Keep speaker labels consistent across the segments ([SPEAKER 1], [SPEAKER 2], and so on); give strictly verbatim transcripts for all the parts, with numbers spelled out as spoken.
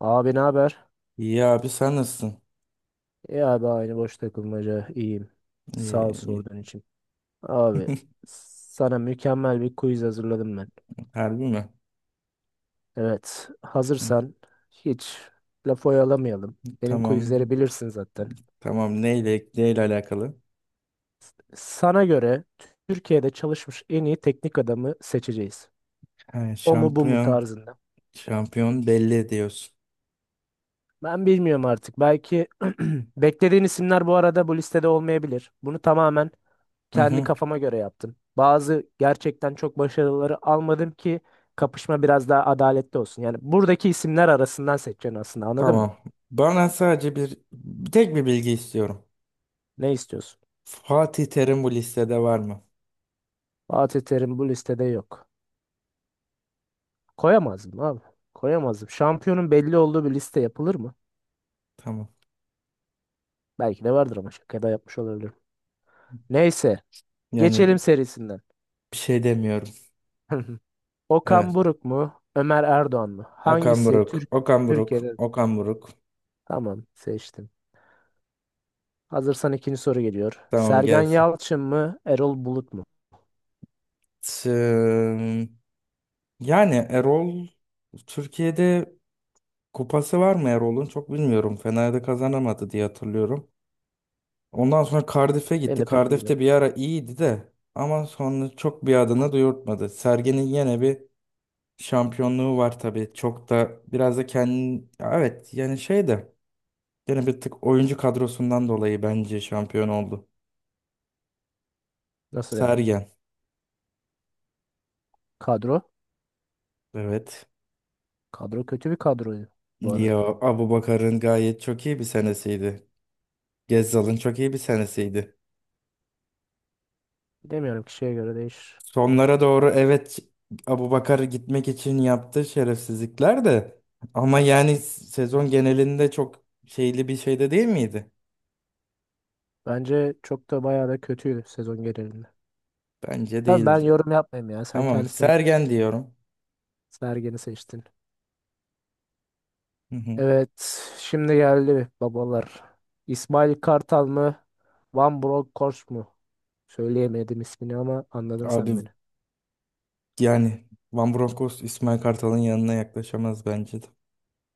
[SPEAKER 1] Abi ne haber?
[SPEAKER 2] İyi abi sen nasılsın?
[SPEAKER 1] İyi abi aynı boş takılmaca iyiyim.
[SPEAKER 2] İyi
[SPEAKER 1] Sağ ol
[SPEAKER 2] iyi.
[SPEAKER 1] sorduğun için. Abi sana mükemmel bir quiz hazırladım ben.
[SPEAKER 2] Harbi mi?
[SPEAKER 1] Evet
[SPEAKER 2] Hı,
[SPEAKER 1] hazırsan hiç laf oyalamayalım. Benim
[SPEAKER 2] tamam.
[SPEAKER 1] quizleri bilirsin zaten.
[SPEAKER 2] Tamam neyle neyle alakalı?
[SPEAKER 1] Sana göre Türkiye'de çalışmış en iyi teknik adamı seçeceğiz.
[SPEAKER 2] Ha,
[SPEAKER 1] O mu bu mu
[SPEAKER 2] şampiyon
[SPEAKER 1] tarzında.
[SPEAKER 2] şampiyon belli ediyorsun.
[SPEAKER 1] Ben bilmiyorum artık. Belki beklediğin isimler bu arada bu listede olmayabilir. Bunu tamamen
[SPEAKER 2] Hı
[SPEAKER 1] kendi
[SPEAKER 2] hı.
[SPEAKER 1] kafama göre yaptım. Bazı gerçekten çok başarıları almadım ki kapışma biraz daha adaletli olsun. Yani buradaki isimler arasından seçeceksin aslında anladın mı?
[SPEAKER 2] Tamam. Bana sadece bir tek bir bilgi istiyorum.
[SPEAKER 1] Ne istiyorsun?
[SPEAKER 2] Fatih Terim bu listede var mı?
[SPEAKER 1] Fatih Terim bu listede yok. Koyamazdım abi. Koyamazdım. Şampiyonun belli olduğu bir liste yapılır mı?
[SPEAKER 2] Tamam.
[SPEAKER 1] Belki de vardır ama şakada yapmış olabilirim. Neyse.
[SPEAKER 2] Yani
[SPEAKER 1] Geçelim serisinden.
[SPEAKER 2] bir şey demiyorum.
[SPEAKER 1] Okan
[SPEAKER 2] Evet.
[SPEAKER 1] Buruk mu? Ömer Erdoğan mı?
[SPEAKER 2] Okan
[SPEAKER 1] Hangisi
[SPEAKER 2] Buruk.
[SPEAKER 1] Türk
[SPEAKER 2] Okan Buruk.
[SPEAKER 1] Türkiye'de?
[SPEAKER 2] Okan Buruk.
[SPEAKER 1] Tamam seçtim. Hazırsan ikinci soru geliyor.
[SPEAKER 2] Tamam
[SPEAKER 1] Sergen
[SPEAKER 2] gelsin.
[SPEAKER 1] Yalçın mı? Erol Bulut mu?
[SPEAKER 2] Tım. Yani Erol Türkiye'de kupası var mı Erol'un? Çok bilmiyorum. Fener'de kazanamadı diye hatırlıyorum. Ondan sonra Cardiff'e
[SPEAKER 1] Benim
[SPEAKER 2] gitti.
[SPEAKER 1] de pek bilgim yok.
[SPEAKER 2] Cardiff'te bir ara iyiydi de ama sonra çok bir adını duyurtmadı. Sergen'in yine bir şampiyonluğu var tabii. Çok da biraz da kendi evet yani şey de yine bir tık oyuncu kadrosundan dolayı bence şampiyon oldu.
[SPEAKER 1] Nasıl yani?
[SPEAKER 2] Sergen.
[SPEAKER 1] Kadro?
[SPEAKER 2] Evet.
[SPEAKER 1] Kadro kötü bir kadroydu bu
[SPEAKER 2] Ya
[SPEAKER 1] arada.
[SPEAKER 2] Abubakar'ın gayet çok iyi bir senesiydi. Gezzal'ın çok iyi bir senesiydi.
[SPEAKER 1] Bilemiyorum kişiye göre değişir.
[SPEAKER 2] Sonlara doğru evet Abubakar gitmek için yaptığı şerefsizlikler de ama yani sezon genelinde çok şeyli bir şey de değil miydi?
[SPEAKER 1] Bence çok da bayağı da kötüydü sezon genelinde.
[SPEAKER 2] Bence
[SPEAKER 1] Tabii ben
[SPEAKER 2] değildi.
[SPEAKER 1] yorum yapmayayım ya. Sen
[SPEAKER 2] Tamam
[SPEAKER 1] kendisine
[SPEAKER 2] Sergen diyorum.
[SPEAKER 1] Sergen'i seçtin.
[SPEAKER 2] Hı hı.
[SPEAKER 1] Evet. Şimdi geldi babalar. İsmail Kartal mı? Van Bronckhorst mu? Söyleyemedim ismini ama anladın
[SPEAKER 2] Abi
[SPEAKER 1] sen beni.
[SPEAKER 2] yani Van Bronckhorst İsmail Kartal'ın yanına yaklaşamaz bence de.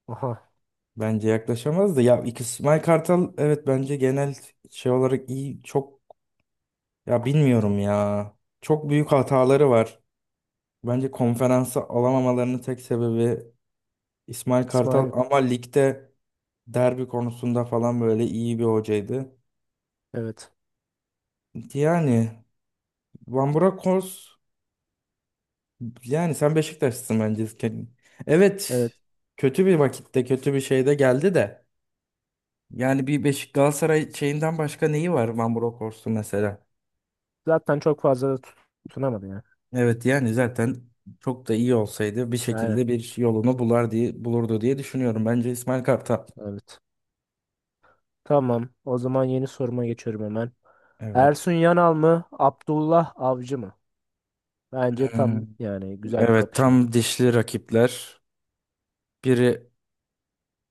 [SPEAKER 1] Aha.
[SPEAKER 2] Bence yaklaşamaz da ya iki- İsmail Kartal evet bence genel şey olarak iyi çok ya bilmiyorum ya. Çok büyük hataları var. Bence konferansa alamamalarının tek sebebi İsmail Kartal
[SPEAKER 1] İsmail.
[SPEAKER 2] ama ligde derbi konusunda falan böyle iyi bir hocaydı.
[SPEAKER 1] Evet.
[SPEAKER 2] Yani Van Burakos yani sen Beşiktaşlısın bence. Evet
[SPEAKER 1] Evet.
[SPEAKER 2] kötü bir vakitte kötü bir şeyde geldi de yani bir Beşik Galatasaray şeyinden başka neyi var Van Burakos'un mesela?
[SPEAKER 1] Zaten çok fazla da tutunamadı ya.
[SPEAKER 2] Evet yani zaten çok da iyi olsaydı bir
[SPEAKER 1] Aynen.
[SPEAKER 2] şekilde bir yolunu bular diye bulurdu diye düşünüyorum. Bence İsmail Kartal.
[SPEAKER 1] Evet. Tamam. O zaman yeni soruma geçiyorum hemen. Ersun
[SPEAKER 2] Evet.
[SPEAKER 1] Yanal mı? Abdullah Avcı mı? Bence
[SPEAKER 2] Ee,
[SPEAKER 1] tam yani güzel bir
[SPEAKER 2] evet
[SPEAKER 1] kapışma.
[SPEAKER 2] tam dişli rakipler. Biri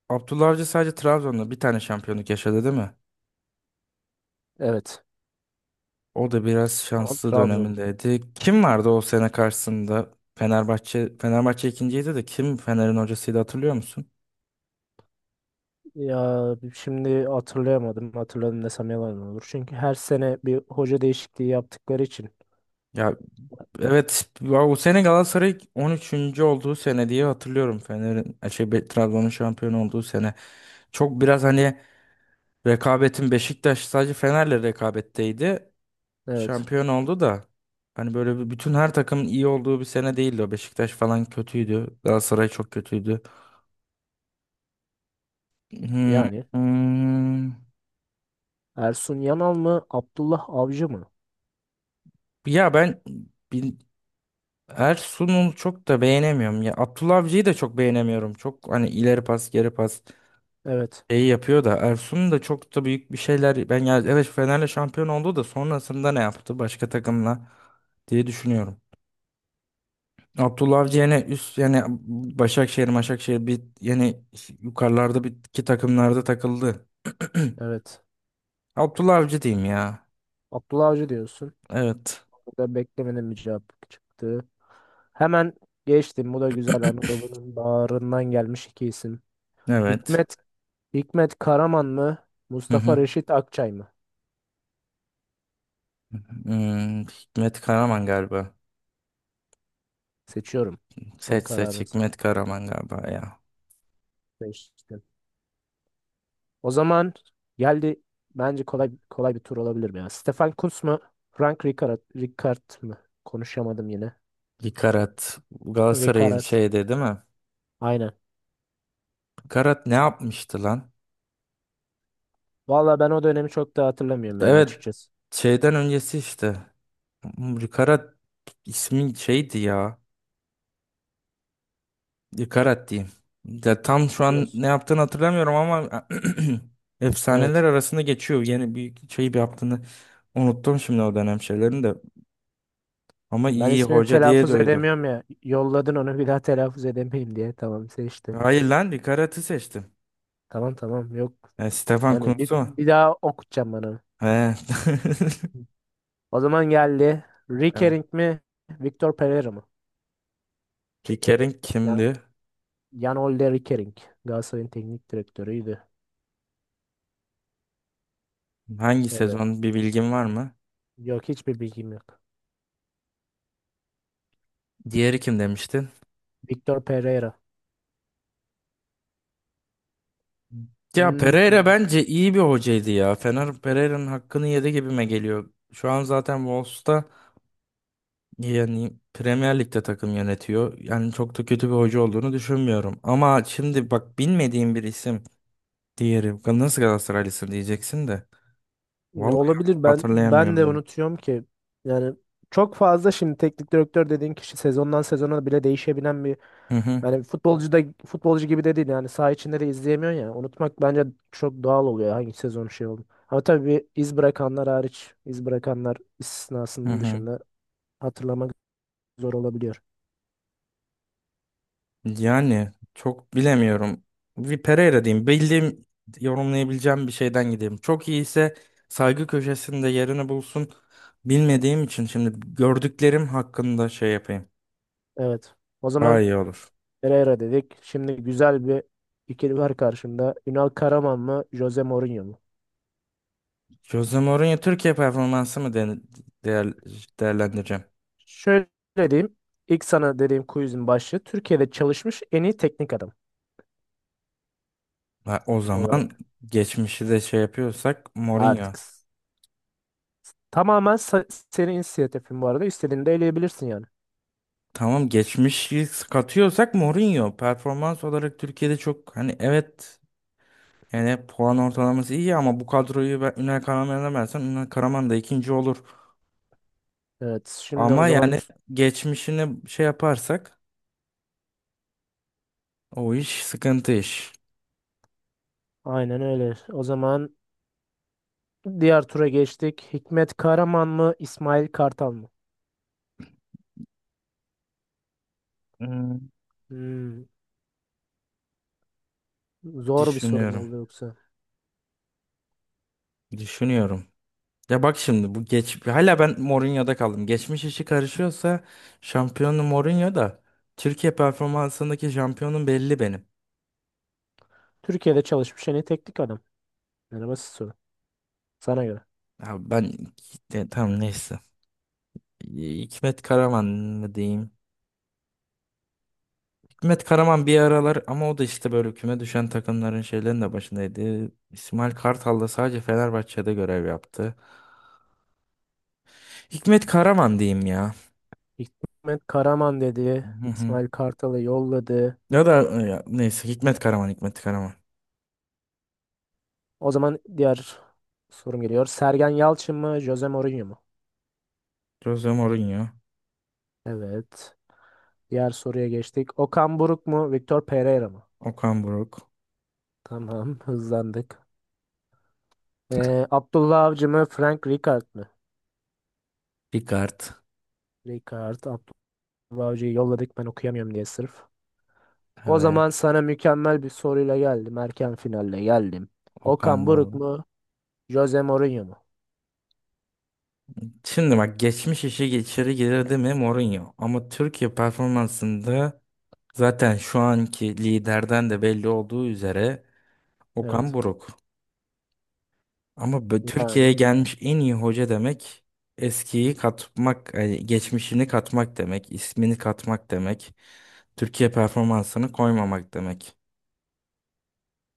[SPEAKER 2] Abdullah Avcı sadece Trabzon'da bir tane şampiyonluk yaşadı değil mi?
[SPEAKER 1] Evet.
[SPEAKER 2] O da biraz
[SPEAKER 1] Ama
[SPEAKER 2] şanslı
[SPEAKER 1] Trabzon.
[SPEAKER 2] dönemindeydi. Kim vardı o sene karşısında? Fenerbahçe Fenerbahçe ikinciydi de kim Fener'in hocasıydı hatırlıyor musun?
[SPEAKER 1] Ya şimdi hatırlayamadım. Hatırladım desem yalan olur. Çünkü her sene bir hoca değişikliği yaptıkları için.
[SPEAKER 2] Ya evet ya o sene Galatasaray on üçüncü olduğu sene diye hatırlıyorum Fener'in e, şey Be- Trabzon'un şampiyon olduğu sene. Çok biraz hani rekabetin Beşiktaş sadece Fener'le rekabetteydi.
[SPEAKER 1] Evet.
[SPEAKER 2] Şampiyon oldu da hani böyle bir- bütün her takımın iyi olduğu bir sene değildi o. Beşiktaş falan kötüydü. Galatasaray çok kötüydü. Hmm,
[SPEAKER 1] Yani
[SPEAKER 2] hmm.
[SPEAKER 1] Ersun Yanal mı? Abdullah Avcı mı?
[SPEAKER 2] Ya ben bin, Ersun'u çok da beğenemiyorum. Ya Abdullah Avcı'yı da çok beğenemiyorum. Çok hani ileri pas, geri pas
[SPEAKER 1] Evet.
[SPEAKER 2] şeyi yapıyor da Ersun da çok da büyük bir şeyler ben ya evet Fener'le şampiyon oldu da sonrasında ne yaptı başka takımla diye düşünüyorum. Abdullah Avcı yani üst yani Başakşehir, Başakşehir bir yani yukarılarda bir iki takımlarda takıldı.
[SPEAKER 1] Evet.
[SPEAKER 2] Abdullah Avcı diyeyim ya.
[SPEAKER 1] Abdullah Avcı diyorsun.
[SPEAKER 2] Evet.
[SPEAKER 1] Ben beklemedim bir cevap çıktı. Hemen geçtim. Bu da güzel. Anadolu'nun bağrından gelmiş iki isim.
[SPEAKER 2] Evet.
[SPEAKER 1] Hikmet, Hikmet Karaman mı?
[SPEAKER 2] Hı
[SPEAKER 1] Mustafa
[SPEAKER 2] hı.
[SPEAKER 1] Reşit Akçay mı?
[SPEAKER 2] Hmm, Hikmet Karaman galiba.
[SPEAKER 1] Seçiyorum. Son
[SPEAKER 2] Seç seç
[SPEAKER 1] kararınsa.
[SPEAKER 2] Hikmet Karaman galiba ya.
[SPEAKER 1] Seçtim. O zaman geldi. Bence kolay kolay bir tur olabilir mi ya. Stefan Kuntz mu? Frank Rijkaard, Rijkaard mı? Konuşamadım yine.
[SPEAKER 2] Karat Galatasaray'ın
[SPEAKER 1] Rijkaard.
[SPEAKER 2] şeyde değil mi?
[SPEAKER 1] Aynen.
[SPEAKER 2] Karat ne yapmıştı lan?
[SPEAKER 1] Valla ben o dönemi çok da hatırlamıyorum yani
[SPEAKER 2] Evet
[SPEAKER 1] açıkçası.
[SPEAKER 2] şeyden öncesi işte. Karat ismin şeydi ya. Dikarat diyeyim. Ya tam şu an
[SPEAKER 1] Biliyorsun.
[SPEAKER 2] ne yaptığını hatırlamıyorum ama efsaneler
[SPEAKER 1] Evet.
[SPEAKER 2] arasında geçiyor. Yeni bir şey bir yaptığını unuttum şimdi o dönem şeylerini de. Ama
[SPEAKER 1] Ben
[SPEAKER 2] iyi
[SPEAKER 1] ismini
[SPEAKER 2] hoca diye
[SPEAKER 1] telaffuz
[SPEAKER 2] duydum.
[SPEAKER 1] edemiyorum ya. Yolladın onu bir daha telaffuz edemeyim diye. Tamam seçtim.
[SPEAKER 2] Hayır lan Dikarat'ı seçtim.
[SPEAKER 1] Tamam tamam yok.
[SPEAKER 2] E, Stefan
[SPEAKER 1] Yani bir,
[SPEAKER 2] Kuntz'u mu?
[SPEAKER 1] bir daha okutacağım bana.
[SPEAKER 2] He.
[SPEAKER 1] O zaman geldi.
[SPEAKER 2] Evet.
[SPEAKER 1] Rickering mi? Victor Pereira mı?
[SPEAKER 2] Kiker'in
[SPEAKER 1] Ya,
[SPEAKER 2] kimdi?
[SPEAKER 1] Jan-Ole Rickering. Galatasaray'ın teknik direktörüydü.
[SPEAKER 2] Hangi
[SPEAKER 1] Evet.
[SPEAKER 2] sezon bir bilgin var mı?
[SPEAKER 1] Yok hiçbir bilgim yok.
[SPEAKER 2] Diğeri kim demiştin?
[SPEAKER 1] Victor Pereira.
[SPEAKER 2] Ya
[SPEAKER 1] Hmm,
[SPEAKER 2] Pereira bence iyi bir hocaydı ya. Fener Pereira'nın hakkını yedi gibime geliyor. Şu an zaten Wolves'ta yani Premier Lig'de takım yönetiyor. Yani çok da kötü bir hoca olduğunu düşünmüyorum. Ama şimdi bak bilmediğim bir isim diğeri. Nasıl Galatasaraylısın diyeceksin de.
[SPEAKER 1] ne
[SPEAKER 2] Vallahi
[SPEAKER 1] olabilir ben ben de
[SPEAKER 2] hatırlayamıyorum.
[SPEAKER 1] unutuyorum ki. Yani çok fazla şimdi teknik direktör dediğin kişi sezondan sezona bile değişebilen bir
[SPEAKER 2] Hı hı
[SPEAKER 1] Yani futbolcu da futbolcu gibi de değil yani saha içinde de izleyemiyorsun ya. Unutmak bence çok doğal oluyor hangi sezon şey oldu. Ama tabii bir iz bırakanlar hariç, iz bırakanlar
[SPEAKER 2] hı
[SPEAKER 1] istisnasının
[SPEAKER 2] hı.
[SPEAKER 1] dışında hatırlamak zor olabiliyor.
[SPEAKER 2] Yani çok bilemiyorum. Bir Pereira diyeyim. Bildiğim yorumlayabileceğim bir şeyden gideyim. Çok iyi ise saygı köşesinde yerini bulsun. Bilmediğim için şimdi gördüklerim hakkında şey yapayım.
[SPEAKER 1] Evet. O
[SPEAKER 2] Daha
[SPEAKER 1] zaman
[SPEAKER 2] iyi olur.
[SPEAKER 1] Pereira dedik. Şimdi güzel bir ikili var karşımda. Ünal Karaman mı, Jose Mourinho mu?
[SPEAKER 2] Jose Mourinho Türkiye performansı mı de- değer, değerlendireceğim?
[SPEAKER 1] Şöyle diyeyim. İlk sana dediğim quizin başlığı Türkiye'de çalışmış en iyi teknik adam
[SPEAKER 2] Ha, o zaman
[SPEAKER 1] olarak.
[SPEAKER 2] geçmişi de şey yapıyorsak Mourinho.
[SPEAKER 1] Artık. Tamamen sa- senin inisiyatifin bu arada. İstediğini de eleyebilirsin yani.
[SPEAKER 2] Tamam geçmişi katıyorsak Mourinho. Performans olarak Türkiye'de çok hani evet yani puan ortalaması iyi ama bu kadroyu ben Ünal Karaman'a versen Ünal Karaman da ikinci olur.
[SPEAKER 1] Evet, şimdi o
[SPEAKER 2] Ama
[SPEAKER 1] zaman
[SPEAKER 2] yani
[SPEAKER 1] üst...
[SPEAKER 2] geçmişini şey yaparsak o iş sıkıntı iş.
[SPEAKER 1] Aynen öyle. O zaman diğer tura geçtik. Hikmet Karaman mı, İsmail Kartal mı?
[SPEAKER 2] Hmm,
[SPEAKER 1] Hmm, zor bir soru mu
[SPEAKER 2] düşünüyorum.
[SPEAKER 1] oldu yoksa?
[SPEAKER 2] Düşünüyorum. Ya bak şimdi bu geç hala ben Mourinho'da kaldım. Geçmiş işi karışıyorsa şampiyonu Mourinho da Türkiye performansındaki şampiyonum belli benim.
[SPEAKER 1] Türkiye'de çalışmış en iyi teknik adam. Yani basit soru. Sana göre.
[SPEAKER 2] Ya ben e, tamam neyse. E, Hikmet Karaman mı diyeyim? Hikmet Karaman bir aralar ama o da işte böyle küme düşen takımların şeylerin de başındaydı. İsmail Kartal da sadece Fenerbahçe'de görev yaptı. Hikmet Karaman diyeyim ya.
[SPEAKER 1] Hikmet Karaman dedi.
[SPEAKER 2] Hı hı.
[SPEAKER 1] İsmail Kartal'ı yolladı.
[SPEAKER 2] Ya da e, ya, neyse Hikmet Karaman, Hikmet Karaman.
[SPEAKER 1] O zaman diğer sorum geliyor. Sergen Yalçın mı, Jose Mourinho mu?
[SPEAKER 2] Jose Mourinho,
[SPEAKER 1] Evet. Diğer soruya geçtik. Okan Buruk mu, Victor Pereira mı?
[SPEAKER 2] Okan Buruk,
[SPEAKER 1] Tamam, hızlandık. Ee, Abdullah Avcı mı, Frank Rijkaard mı?
[SPEAKER 2] Ricard.
[SPEAKER 1] Rijkaard, Abdullah Avcı'yı yolladık ben okuyamıyorum diye sırf. O
[SPEAKER 2] Evet.
[SPEAKER 1] zaman sana mükemmel bir soruyla geldim. Erken finalle geldim.
[SPEAKER 2] Okan
[SPEAKER 1] Okan Buruk
[SPEAKER 2] Buruk.
[SPEAKER 1] mu, Jose Mourinho mu?
[SPEAKER 2] Şimdi bak geçmiş işi içeri girdi mi Mourinho. Ama Türkiye performansında zaten şu anki liderden de belli olduğu üzere Okan
[SPEAKER 1] Evet.
[SPEAKER 2] Buruk. Ama bu- Türkiye'ye
[SPEAKER 1] Yani
[SPEAKER 2] gelmiş en iyi hoca demek eskiyi katmak, e, geçmişini katmak demek, ismini katmak demek, Türkiye performansını koymamak demek.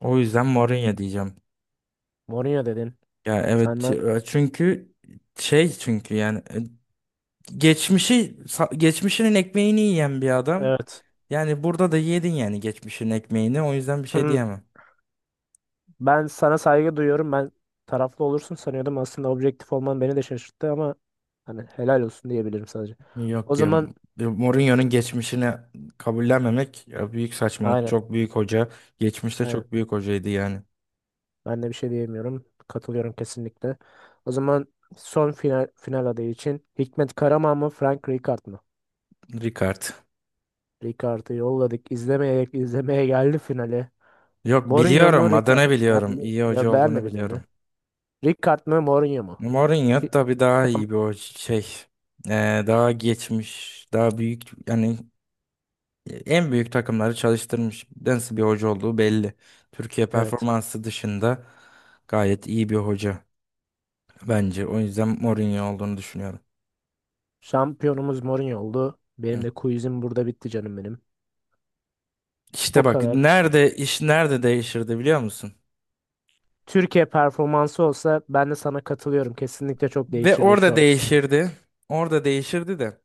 [SPEAKER 2] O yüzden Mourinho diyeceğim.
[SPEAKER 1] Mourinho dedin.
[SPEAKER 2] Ya evet
[SPEAKER 1] Senden
[SPEAKER 2] e, çünkü şey çünkü yani e, geçmişi sa- geçmişinin ekmeğini yiyen bir adam.
[SPEAKER 1] evet.
[SPEAKER 2] Yani burada da yedin yani geçmişin ekmeğini. O yüzden bir şey
[SPEAKER 1] Hı.
[SPEAKER 2] diyemem.
[SPEAKER 1] Ben sana saygı duyuyorum. Ben taraflı olursun sanıyordum. Aslında objektif olman beni de şaşırttı ama hani helal olsun diyebilirim sadece. O
[SPEAKER 2] Yok ya
[SPEAKER 1] zaman
[SPEAKER 2] e, Mourinho'nun geçmişini kabullenmemek ya büyük saçmalık.
[SPEAKER 1] aynen.
[SPEAKER 2] Çok büyük hoca. Geçmişte
[SPEAKER 1] Aynen.
[SPEAKER 2] çok büyük hocaydı yani.
[SPEAKER 1] Ben de bir şey diyemiyorum. Katılıyorum kesinlikle. O zaman son final, final adayı için Hikmet Karaman mı Frank Rijkaard mı?
[SPEAKER 2] Ricard.
[SPEAKER 1] Rijkaard'ı yolladık. İzlemeye, izlemeye geldi finale.
[SPEAKER 2] Yok
[SPEAKER 1] Mourinho mu
[SPEAKER 2] biliyorum
[SPEAKER 1] Rijkaard
[SPEAKER 2] adını
[SPEAKER 1] mı? Ya,
[SPEAKER 2] biliyorum.
[SPEAKER 1] bili-
[SPEAKER 2] İyi hoca
[SPEAKER 1] ya ben
[SPEAKER 2] olduğunu
[SPEAKER 1] de biliyorum
[SPEAKER 2] biliyorum.
[SPEAKER 1] ya. Rijkaard mı Mourinho mu?
[SPEAKER 2] Mourinho
[SPEAKER 1] Fi-
[SPEAKER 2] tabii daha iyi bir hoca şey. Ee, daha geçmiş, daha büyük yani en büyük takımları çalıştırmış. Nasıl bir hoca olduğu belli. Türkiye
[SPEAKER 1] Evet.
[SPEAKER 2] performansı dışında gayet iyi bir hoca bence. O yüzden Mourinho olduğunu düşünüyorum.
[SPEAKER 1] Şampiyonumuz Mourinho oldu.
[SPEAKER 2] Hı.
[SPEAKER 1] Benim de quizim burada bitti canım benim.
[SPEAKER 2] İşte
[SPEAKER 1] O
[SPEAKER 2] bak
[SPEAKER 1] kadar.
[SPEAKER 2] nerede iş nerede değişirdi biliyor musun?
[SPEAKER 1] Türkiye performansı olsa ben de sana katılıyorum. Kesinlikle çok
[SPEAKER 2] Ve
[SPEAKER 1] değişirdi şu
[SPEAKER 2] orada
[SPEAKER 1] an sanırım.
[SPEAKER 2] değişirdi. Orada değişirdi de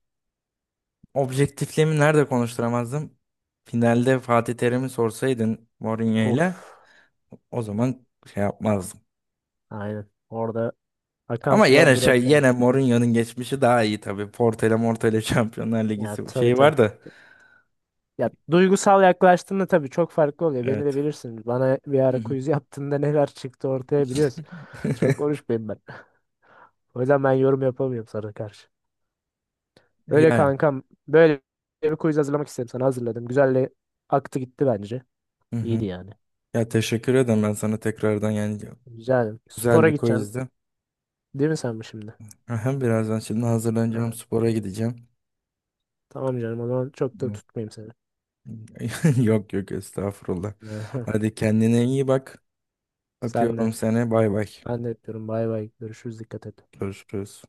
[SPEAKER 2] objektifliğimi nerede konuşturamazdım? Finalde Fatih Terim'i sorsaydın Mourinho ile
[SPEAKER 1] Of.
[SPEAKER 2] o zaman şey yapmazdım.
[SPEAKER 1] Aynen. Orada akan
[SPEAKER 2] Ama
[SPEAKER 1] sular
[SPEAKER 2] yine şey
[SPEAKER 1] durabilir.
[SPEAKER 2] yine Mourinho'nun geçmişi daha iyi tabii. Porto'yla Morto'yla Şampiyonlar Ligi
[SPEAKER 1] Ya tabii
[SPEAKER 2] şeyi
[SPEAKER 1] tabii.
[SPEAKER 2] var da
[SPEAKER 1] Ya duygusal yaklaştığında tabii çok farklı oluyor. Beni de
[SPEAKER 2] evet.
[SPEAKER 1] bilirsin. Bana bir
[SPEAKER 2] Hı
[SPEAKER 1] ara
[SPEAKER 2] hı.
[SPEAKER 1] quiz yaptığında neler çıktı ortaya biliyorsun. Çok konuşmayayım ben. O yüzden ben yorum yapamıyorum sana karşı. Öyle
[SPEAKER 2] Yani.
[SPEAKER 1] kankam. Böyle bir quiz hazırlamak istedim sana. Hazırladım. Güzel de aktı gitti bence.
[SPEAKER 2] Hı
[SPEAKER 1] İyiydi
[SPEAKER 2] hı.
[SPEAKER 1] yani.
[SPEAKER 2] Ya teşekkür ederim ben sana tekrardan yani
[SPEAKER 1] Güzel.
[SPEAKER 2] güzel
[SPEAKER 1] Spora
[SPEAKER 2] bir
[SPEAKER 1] gideceksin.
[SPEAKER 2] quizdi.
[SPEAKER 1] Değil mi sen bu şimdi?
[SPEAKER 2] Aha, birazdan şimdi hazırlanacağım
[SPEAKER 1] Ha,
[SPEAKER 2] spora gideceğim.
[SPEAKER 1] tamam canım. O zaman çok da
[SPEAKER 2] Hı.
[SPEAKER 1] tutmayayım seni.
[SPEAKER 2] Yok yok estağfurullah. Hadi kendine iyi bak.
[SPEAKER 1] Sen de.
[SPEAKER 2] Öpüyorum seni. Bay bay.
[SPEAKER 1] Ben de yapıyorum. Bay bay. Görüşürüz. Dikkat et.
[SPEAKER 2] Görüşürüz.